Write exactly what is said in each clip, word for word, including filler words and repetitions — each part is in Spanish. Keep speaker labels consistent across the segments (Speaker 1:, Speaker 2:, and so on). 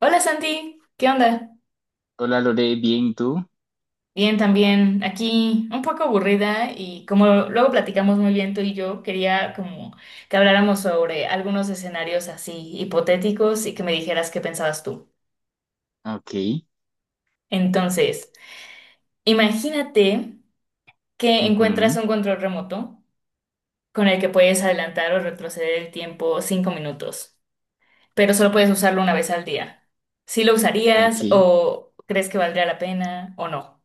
Speaker 1: Hola Santi, ¿qué onda?
Speaker 2: Hola Lore, bien, ¿tú?
Speaker 1: Bien también, aquí un poco aburrida y como luego platicamos muy bien tú y yo, quería como que habláramos sobre algunos escenarios así hipotéticos y que me dijeras qué pensabas tú.
Speaker 2: Ok,
Speaker 1: Entonces, imagínate que encuentras
Speaker 2: ujú,
Speaker 1: un control remoto con el que puedes adelantar o retroceder el tiempo cinco minutos, pero solo puedes usarlo una vez al día. ¿Sí lo
Speaker 2: ok.
Speaker 1: usarías o crees que valdría la pena o no?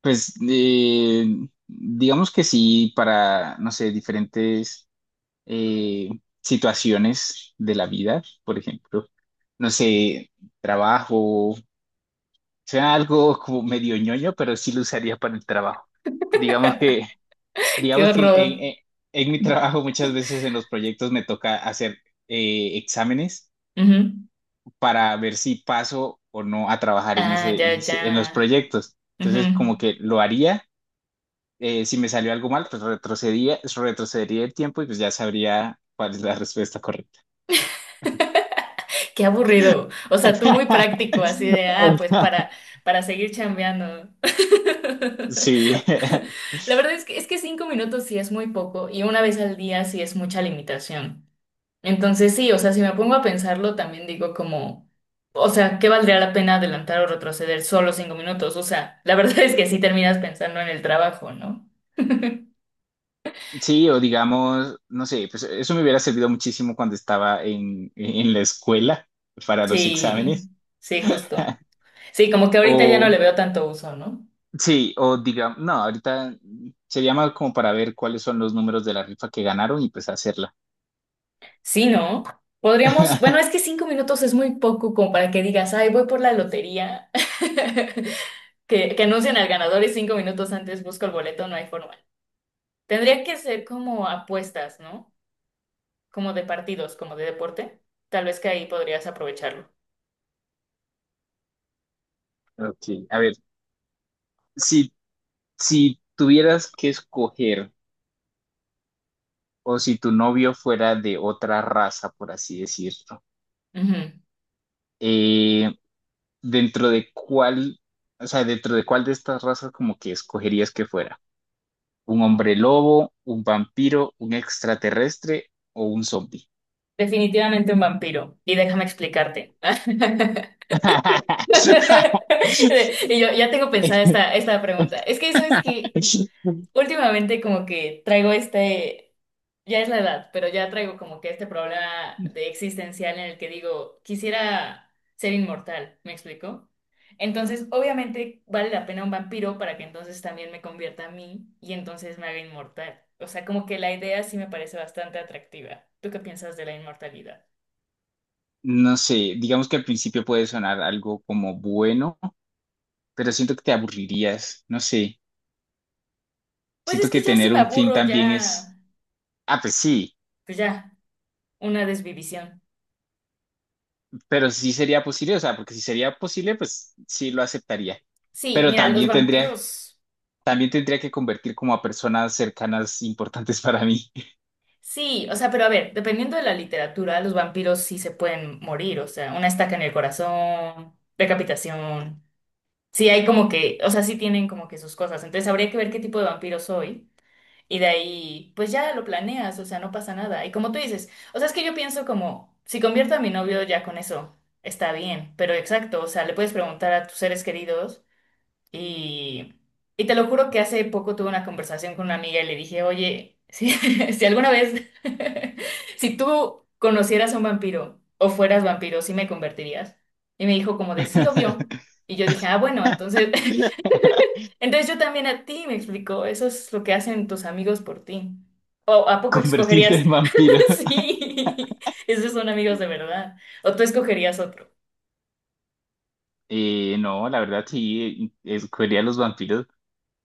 Speaker 2: Pues eh, digamos que sí, para, no sé, diferentes eh, situaciones de la vida, por ejemplo, no sé, trabajo, sea algo como medio ñoño, pero sí lo usaría para el trabajo. Digamos que,
Speaker 1: ¡Qué
Speaker 2: digamos que en,
Speaker 1: horror!
Speaker 2: en- en mi trabajo muchas veces en los proyectos me toca hacer eh, exámenes.
Speaker 1: Ujú.
Speaker 2: Para ver si paso o no a trabajar en
Speaker 1: Ah,
Speaker 2: ese,
Speaker 1: ya,
Speaker 2: en
Speaker 1: ya.
Speaker 2: ese- en los proyectos.
Speaker 1: Ujú.
Speaker 2: Entonces, como que lo haría, eh, si me salió algo mal, pues retrocedía, retrocedería el tiempo y pues ya sabría cuál es la respuesta correcta.
Speaker 1: Qué aburrido. O sea, tú muy práctico, así de, ah, pues para, para seguir chambeando.
Speaker 2: Sí,
Speaker 1: La verdad es que, es que cinco minutos sí es muy poco y una vez al día sí es mucha limitación. Entonces sí, o sea, si me pongo a pensarlo, también digo como, o sea, ¿qué valdría la pena adelantar o retroceder solo cinco minutos? O sea, la verdad es que sí terminas pensando en el trabajo, ¿no?
Speaker 2: sí, o digamos, no sé, pues eso me hubiera servido muchísimo cuando estaba en, en la escuela para los
Speaker 1: Sí,
Speaker 2: exámenes.
Speaker 1: sí, justo. Sí, como que ahorita ya no le
Speaker 2: O
Speaker 1: veo tanto uso, ¿no?
Speaker 2: sí, o digamos, no, ahorita sería más como para ver cuáles son los números de la rifa que ganaron y pues hacerla.
Speaker 1: Sí, ¿no? Podríamos, bueno, es que cinco minutos es muy poco como para que digas, ay, voy por la lotería. Que, que anuncian al ganador y cinco minutos antes busco el boleto, no hay forma. Tendría que ser como apuestas, ¿no? Como de partidos, como de deporte. Tal vez que ahí podrías aprovecharlo.
Speaker 2: Ok, a ver, si, si tuvieras que escoger o si tu novio fuera de otra raza, por así decirlo,
Speaker 1: Ujú.
Speaker 2: eh, dentro de cuál, o sea, dentro de cuál de estas razas como que escogerías que fuera, un hombre lobo, un vampiro, un extraterrestre o un zombie.
Speaker 1: Definitivamente un vampiro. Y déjame explicarte. Y yo ya tengo pensada esta, esta pregunta. Es que eso es que últimamente como que traigo este... Ya es la edad, pero ya traigo como que este problema de existencial en el que digo, quisiera ser inmortal, ¿me explico? Entonces, obviamente vale la pena un vampiro para que entonces también me convierta a mí y entonces me haga inmortal. O sea, como que la idea sí me parece bastante atractiva. ¿Tú qué piensas de la inmortalidad?
Speaker 2: No sé, digamos que al principio puede sonar algo como bueno, pero siento que te aburrirías, no sé.
Speaker 1: Pues
Speaker 2: Siento
Speaker 1: es que
Speaker 2: que
Speaker 1: ya sí
Speaker 2: tener
Speaker 1: me
Speaker 2: un fin
Speaker 1: aburro,
Speaker 2: también es,
Speaker 1: ya,
Speaker 2: ah, pues sí,
Speaker 1: pues ya, una desvivisión.
Speaker 2: pero sí sería posible, o sea, porque si sería posible, pues sí lo aceptaría.
Speaker 1: Sí,
Speaker 2: Pero
Speaker 1: mira, los
Speaker 2: también tendría,
Speaker 1: vampiros.
Speaker 2: también tendría que convertir como a personas cercanas importantes para mí.
Speaker 1: Sí, o sea, pero a ver, dependiendo de la literatura, los vampiros sí se pueden morir, o sea, una estaca en el corazón, decapitación. Sí, hay como que, o sea, sí tienen como que sus cosas. Entonces habría que ver qué tipo de vampiro soy. Y de ahí, pues ya lo planeas, o sea, no pasa nada. Y como tú dices, o sea, es que yo pienso como, si convierto a mi novio ya con eso, está bien. Pero exacto, o sea, le puedes preguntar a tus seres queridos. Y, y te lo juro que hace poco tuve una conversación con una amiga y le dije, oye, si, si alguna vez, si tú conocieras a un vampiro o fueras vampiro, ¿sí me convertirías? Y me dijo como de sí, obvio. Y yo dije, ah, bueno, entonces, entonces yo también a ti, me explicó, eso es lo que hacen tus amigos por ti. ¿O a poco
Speaker 2: Convertirte
Speaker 1: escogerías?
Speaker 2: en vampiro.
Speaker 1: Sí, esos son amigos de verdad. ¿O tú escogerías otro?
Speaker 2: Eh, no, la verdad sí, escogería a los vampiros.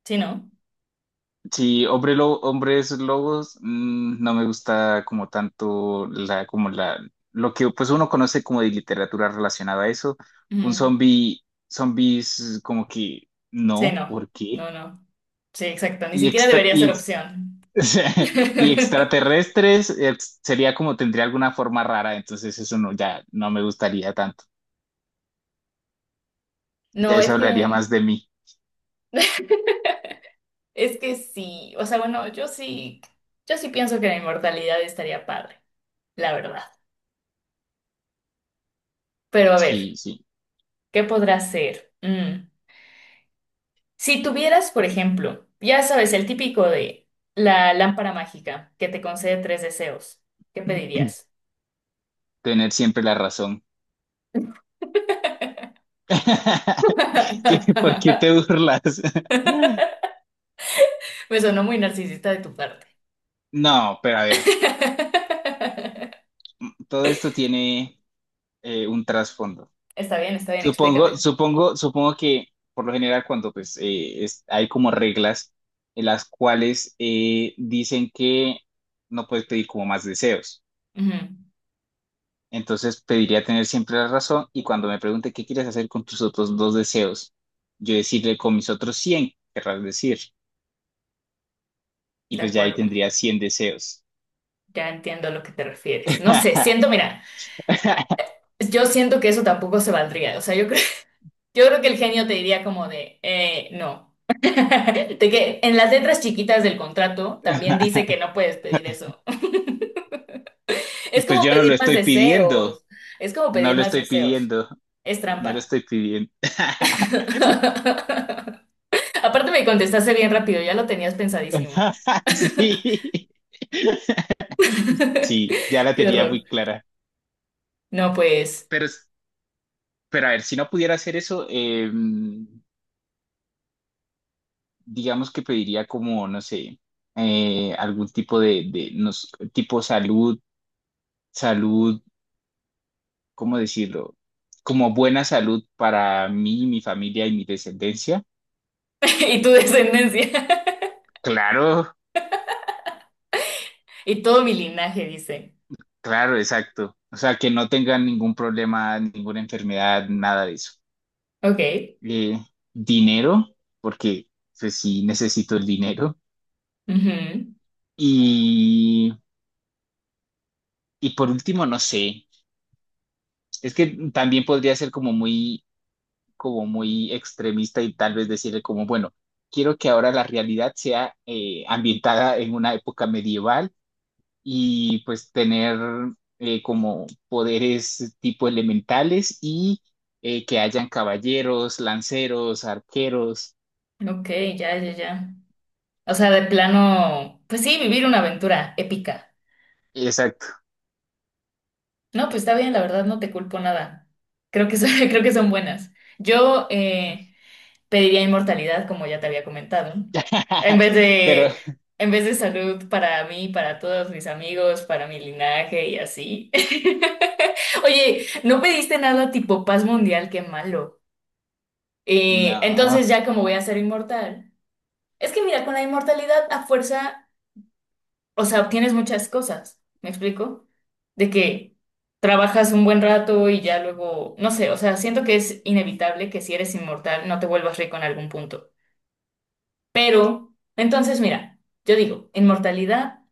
Speaker 1: Sí, ¿no?
Speaker 2: Sí, hombre lo- hombres lobos, mm, no me gusta como tanto la, como la, lo que pues uno conoce como de literatura relacionada a eso. Un
Speaker 1: Ujú.
Speaker 2: zombie, zombies como que
Speaker 1: Sí,
Speaker 2: no,
Speaker 1: no.
Speaker 2: ¿por qué?
Speaker 1: No, no. Sí, exacto, ni
Speaker 2: Y,
Speaker 1: siquiera
Speaker 2: extra,
Speaker 1: debería
Speaker 2: y,
Speaker 1: ser
Speaker 2: ex-
Speaker 1: opción.
Speaker 2: o sea, y extraterrestres ex- sería como tendría alguna forma rara, entonces eso no, ya no me gustaría tanto. Ya
Speaker 1: No,
Speaker 2: eso
Speaker 1: es
Speaker 2: hablaría
Speaker 1: que,
Speaker 2: más de mí.
Speaker 1: es que sí, o sea, bueno, yo sí, yo sí pienso que la inmortalidad estaría padre, la verdad. Pero a
Speaker 2: Sí,
Speaker 1: ver,
Speaker 2: sí,
Speaker 1: ¿qué podrá ser? Mm, Si tuvieras, por ejemplo, ya sabes, el típico de la lámpara mágica que te concede tres deseos, ¿qué pedirías?
Speaker 2: tener siempre la razón. ¿Qué- ¿Por qué te burlas?
Speaker 1: Me sonó muy narcisista de tu parte.
Speaker 2: No, pero a ver, todo esto tiene eh, un trasfondo.
Speaker 1: Está bien, está bien,
Speaker 2: Supongo,
Speaker 1: explícame.
Speaker 2: supongo, supongo que por lo general cuando pues eh, es- hay como reglas en las cuales eh, dicen que no puedes pedir como más deseos.
Speaker 1: Ujú.
Speaker 2: Entonces pediría tener siempre la razón y cuando me pregunte qué quieres hacer con tus otros dos deseos, yo decirle con mis otros cien querrás decir, y
Speaker 1: De
Speaker 2: pues ya ahí
Speaker 1: acuerdo,
Speaker 2: tendría cien deseos.
Speaker 1: ya entiendo a lo que te refieres. No sé, siento, mira, yo siento que eso tampoco se valdría. O sea, yo creo, yo creo que el genio te diría como de, eh, no. De que en las letras chiquitas del contrato también dice que no puedes pedir eso. Es
Speaker 2: Pues
Speaker 1: como
Speaker 2: yo no lo
Speaker 1: pedir más
Speaker 2: estoy pidiendo,
Speaker 1: deseos. Es como
Speaker 2: no
Speaker 1: pedir
Speaker 2: lo
Speaker 1: más
Speaker 2: estoy
Speaker 1: deseos.
Speaker 2: pidiendo.
Speaker 1: Es
Speaker 2: No lo
Speaker 1: trampa.
Speaker 2: estoy pidiendo.
Speaker 1: Aparte me contestaste bien rápido, ya lo tenías pensadísimo.
Speaker 2: Sí. Sí, ya la
Speaker 1: Qué
Speaker 2: tenía muy
Speaker 1: horror.
Speaker 2: clara.
Speaker 1: No, pues.
Speaker 2: Pero, es- pero a ver, si no pudiera hacer eso, eh, digamos que pediría como, no sé, eh, algún tipo de, de nos- tipo salud, salud, ¿cómo decirlo? Como buena salud para mí, mi familia y mi descendencia.
Speaker 1: Y tu descendencia.
Speaker 2: Claro,
Speaker 1: Y todo mi linaje, dice.
Speaker 2: claro, exacto. O sea, que no tengan ningún problema, ninguna enfermedad, nada de eso.
Speaker 1: Ok.
Speaker 2: eh, dinero, porque pues sí necesito el dinero.
Speaker 1: Ujú.
Speaker 2: Y, y por último, no sé, es que también podría ser como muy, como muy extremista y tal vez decirle como, bueno, quiero que ahora la realidad sea eh, ambientada en una época medieval y pues tener eh, como poderes tipo elementales y eh, que hayan caballeros, lanceros, arqueros.
Speaker 1: Ok, ya, ya, ya. O sea, de plano, pues sí, vivir una aventura épica.
Speaker 2: Exacto.
Speaker 1: No, pues está bien, la verdad no te culpo nada. Creo que son, creo que son buenas. Yo eh, pediría inmortalidad, como ya te había comentado, en vez
Speaker 2: Pero
Speaker 1: de, en vez de salud para mí, para todos mis amigos, para mi linaje y así. Oye, no pediste nada tipo paz mundial, qué malo. Eh, entonces
Speaker 2: no.
Speaker 1: ya como voy a ser inmortal. Es que mira, con la inmortalidad a fuerza o sea, obtienes muchas cosas, ¿me explico? De que trabajas un buen rato y ya luego, no sé, o sea, siento que es inevitable que si eres inmortal no te vuelvas rico en algún punto. Pero, entonces, mira, yo digo, inmortalidad,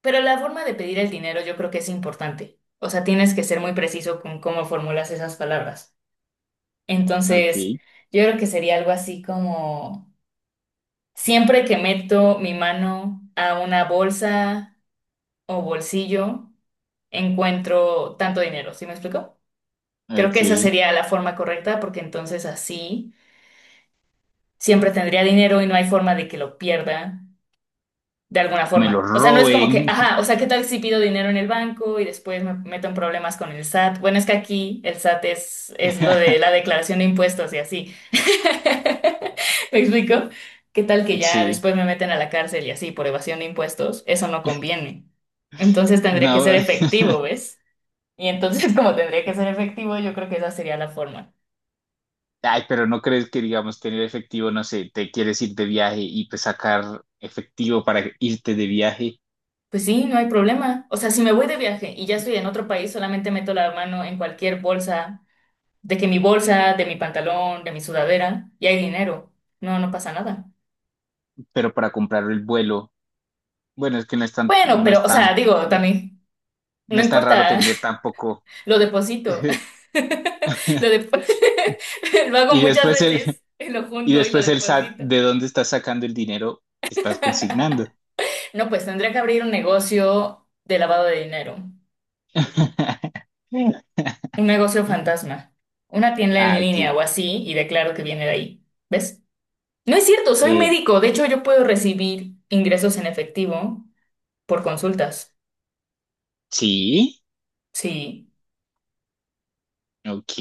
Speaker 1: pero la forma de pedir el dinero yo creo que es importante. O sea, tienes que ser muy preciso con cómo formulas esas palabras.
Speaker 2: Ok,
Speaker 1: Entonces, yo creo que sería algo así como, siempre que meto mi mano a una bolsa o bolsillo, encuentro tanto dinero, ¿sí me explico? Creo
Speaker 2: ok.
Speaker 1: que esa sería la forma correcta porque entonces así siempre tendría dinero y no hay forma de que lo pierda de alguna
Speaker 2: Me lo
Speaker 1: forma. O sea, no es como que,
Speaker 2: roben.
Speaker 1: ajá, o sea, ¿qué tal si pido dinero en el banco y después me meto en problemas con el SAT? Bueno, es que aquí el SAT es, es lo de la declaración de impuestos y así. ¿Me explico? ¿Qué tal que ya
Speaker 2: Sí.
Speaker 1: después me meten a la cárcel y así por evasión de impuestos? Eso no conviene. Entonces tendría que ser
Speaker 2: No,
Speaker 1: efectivo, ¿ves? Y entonces, como tendría que ser efectivo, yo creo que esa sería la forma.
Speaker 2: ay, pero no crees que, digamos, tener efectivo, no sé, te quieres ir de viaje y pues sacar efectivo para irte de viaje,
Speaker 1: Pues sí, no hay problema. O sea, si me voy de viaje y ya estoy en otro país, solamente meto la mano en cualquier bolsa, de que mi bolsa, de mi pantalón, de mi sudadera, y hay dinero. No, no pasa nada.
Speaker 2: pero para comprar el vuelo. Bueno, es que no es tan,
Speaker 1: Bueno,
Speaker 2: no
Speaker 1: pero,
Speaker 2: es
Speaker 1: o sea,
Speaker 2: tan,
Speaker 1: digo, también,
Speaker 2: no
Speaker 1: no
Speaker 2: es tan raro
Speaker 1: importa,
Speaker 2: tener tampoco.
Speaker 1: lo deposito. Lo, depo- lo hago
Speaker 2: Y
Speaker 1: muchas
Speaker 2: después el,
Speaker 1: veces, lo
Speaker 2: y
Speaker 1: junto y lo
Speaker 2: después el S A T,
Speaker 1: deposito.
Speaker 2: ¿de dónde estás sacando el dinero que estás consignando?
Speaker 1: No, pues tendría que abrir un negocio de lavado de dinero. Un negocio fantasma. Una tienda en
Speaker 2: Ah,
Speaker 1: línea
Speaker 2: ok.
Speaker 1: o así y declaro que viene de ahí. ¿Ves? No es cierto, soy
Speaker 2: Eh,
Speaker 1: médico. De hecho, yo puedo recibir ingresos en efectivo por consultas.
Speaker 2: sí,
Speaker 1: Sí.
Speaker 2: ok.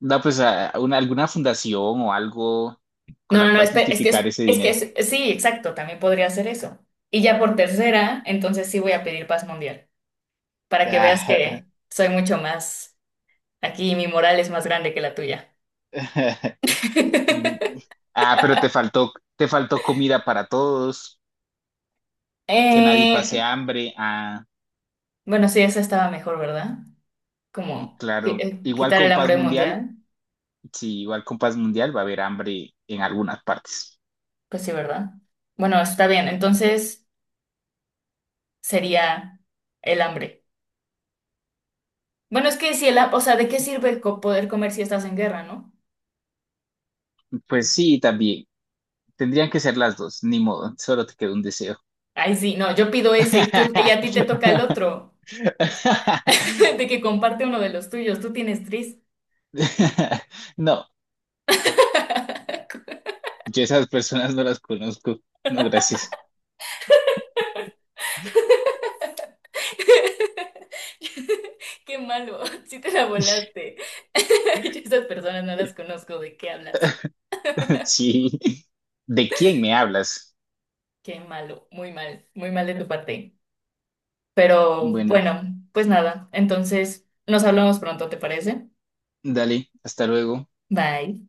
Speaker 2: No pues a a una- alguna fundación o algo con
Speaker 1: No, no,
Speaker 2: la
Speaker 1: no,
Speaker 2: cual
Speaker 1: espera, es que
Speaker 2: justificar
Speaker 1: es,
Speaker 2: ese
Speaker 1: es que
Speaker 2: dinero.
Speaker 1: es, sí, exacto, también podría hacer eso. Y ya por tercera, entonces sí voy a pedir paz mundial, para que veas
Speaker 2: Ah,
Speaker 1: que soy mucho más aquí, y mi moral es más grande que la tuya.
Speaker 2: ah, pero te faltó, te faltó comida para todos, que nadie
Speaker 1: Eh,
Speaker 2: pase hambre. Ah,
Speaker 1: bueno, sí, esa estaba mejor, ¿verdad? Como qui-
Speaker 2: claro.
Speaker 1: eh,
Speaker 2: Igual
Speaker 1: quitar el
Speaker 2: con paz
Speaker 1: hambre
Speaker 2: mundial,
Speaker 1: mundial.
Speaker 2: sí, igual con paz mundial va a haber hambre en algunas partes.
Speaker 1: Pues sí, ¿verdad? Bueno, está bien. Entonces sería el hambre. Bueno, es que si el, ha- o sea, ¿de qué sirve co- poder comer si estás en guerra, no?
Speaker 2: Pues sí, también. Tendrían que ser las dos, ni modo, solo te quedó un deseo.
Speaker 1: Ay, sí, no, yo pido ese y tú y a ti te toca el otro. De que comparte uno de los tuyos, tú tienes tris.
Speaker 2: No, yo esas personas no las conozco. No, gracias.
Speaker 1: Qué malo, sí te la volaste. Yo esas personas no las conozco, ¿de qué hablas?
Speaker 2: Sí. ¿De quién me hablas?
Speaker 1: Qué malo, muy mal, muy mal de tu parte. Pero
Speaker 2: Bueno,
Speaker 1: bueno, pues nada, entonces nos hablamos pronto, ¿te parece?
Speaker 2: dale, hasta luego.
Speaker 1: Bye.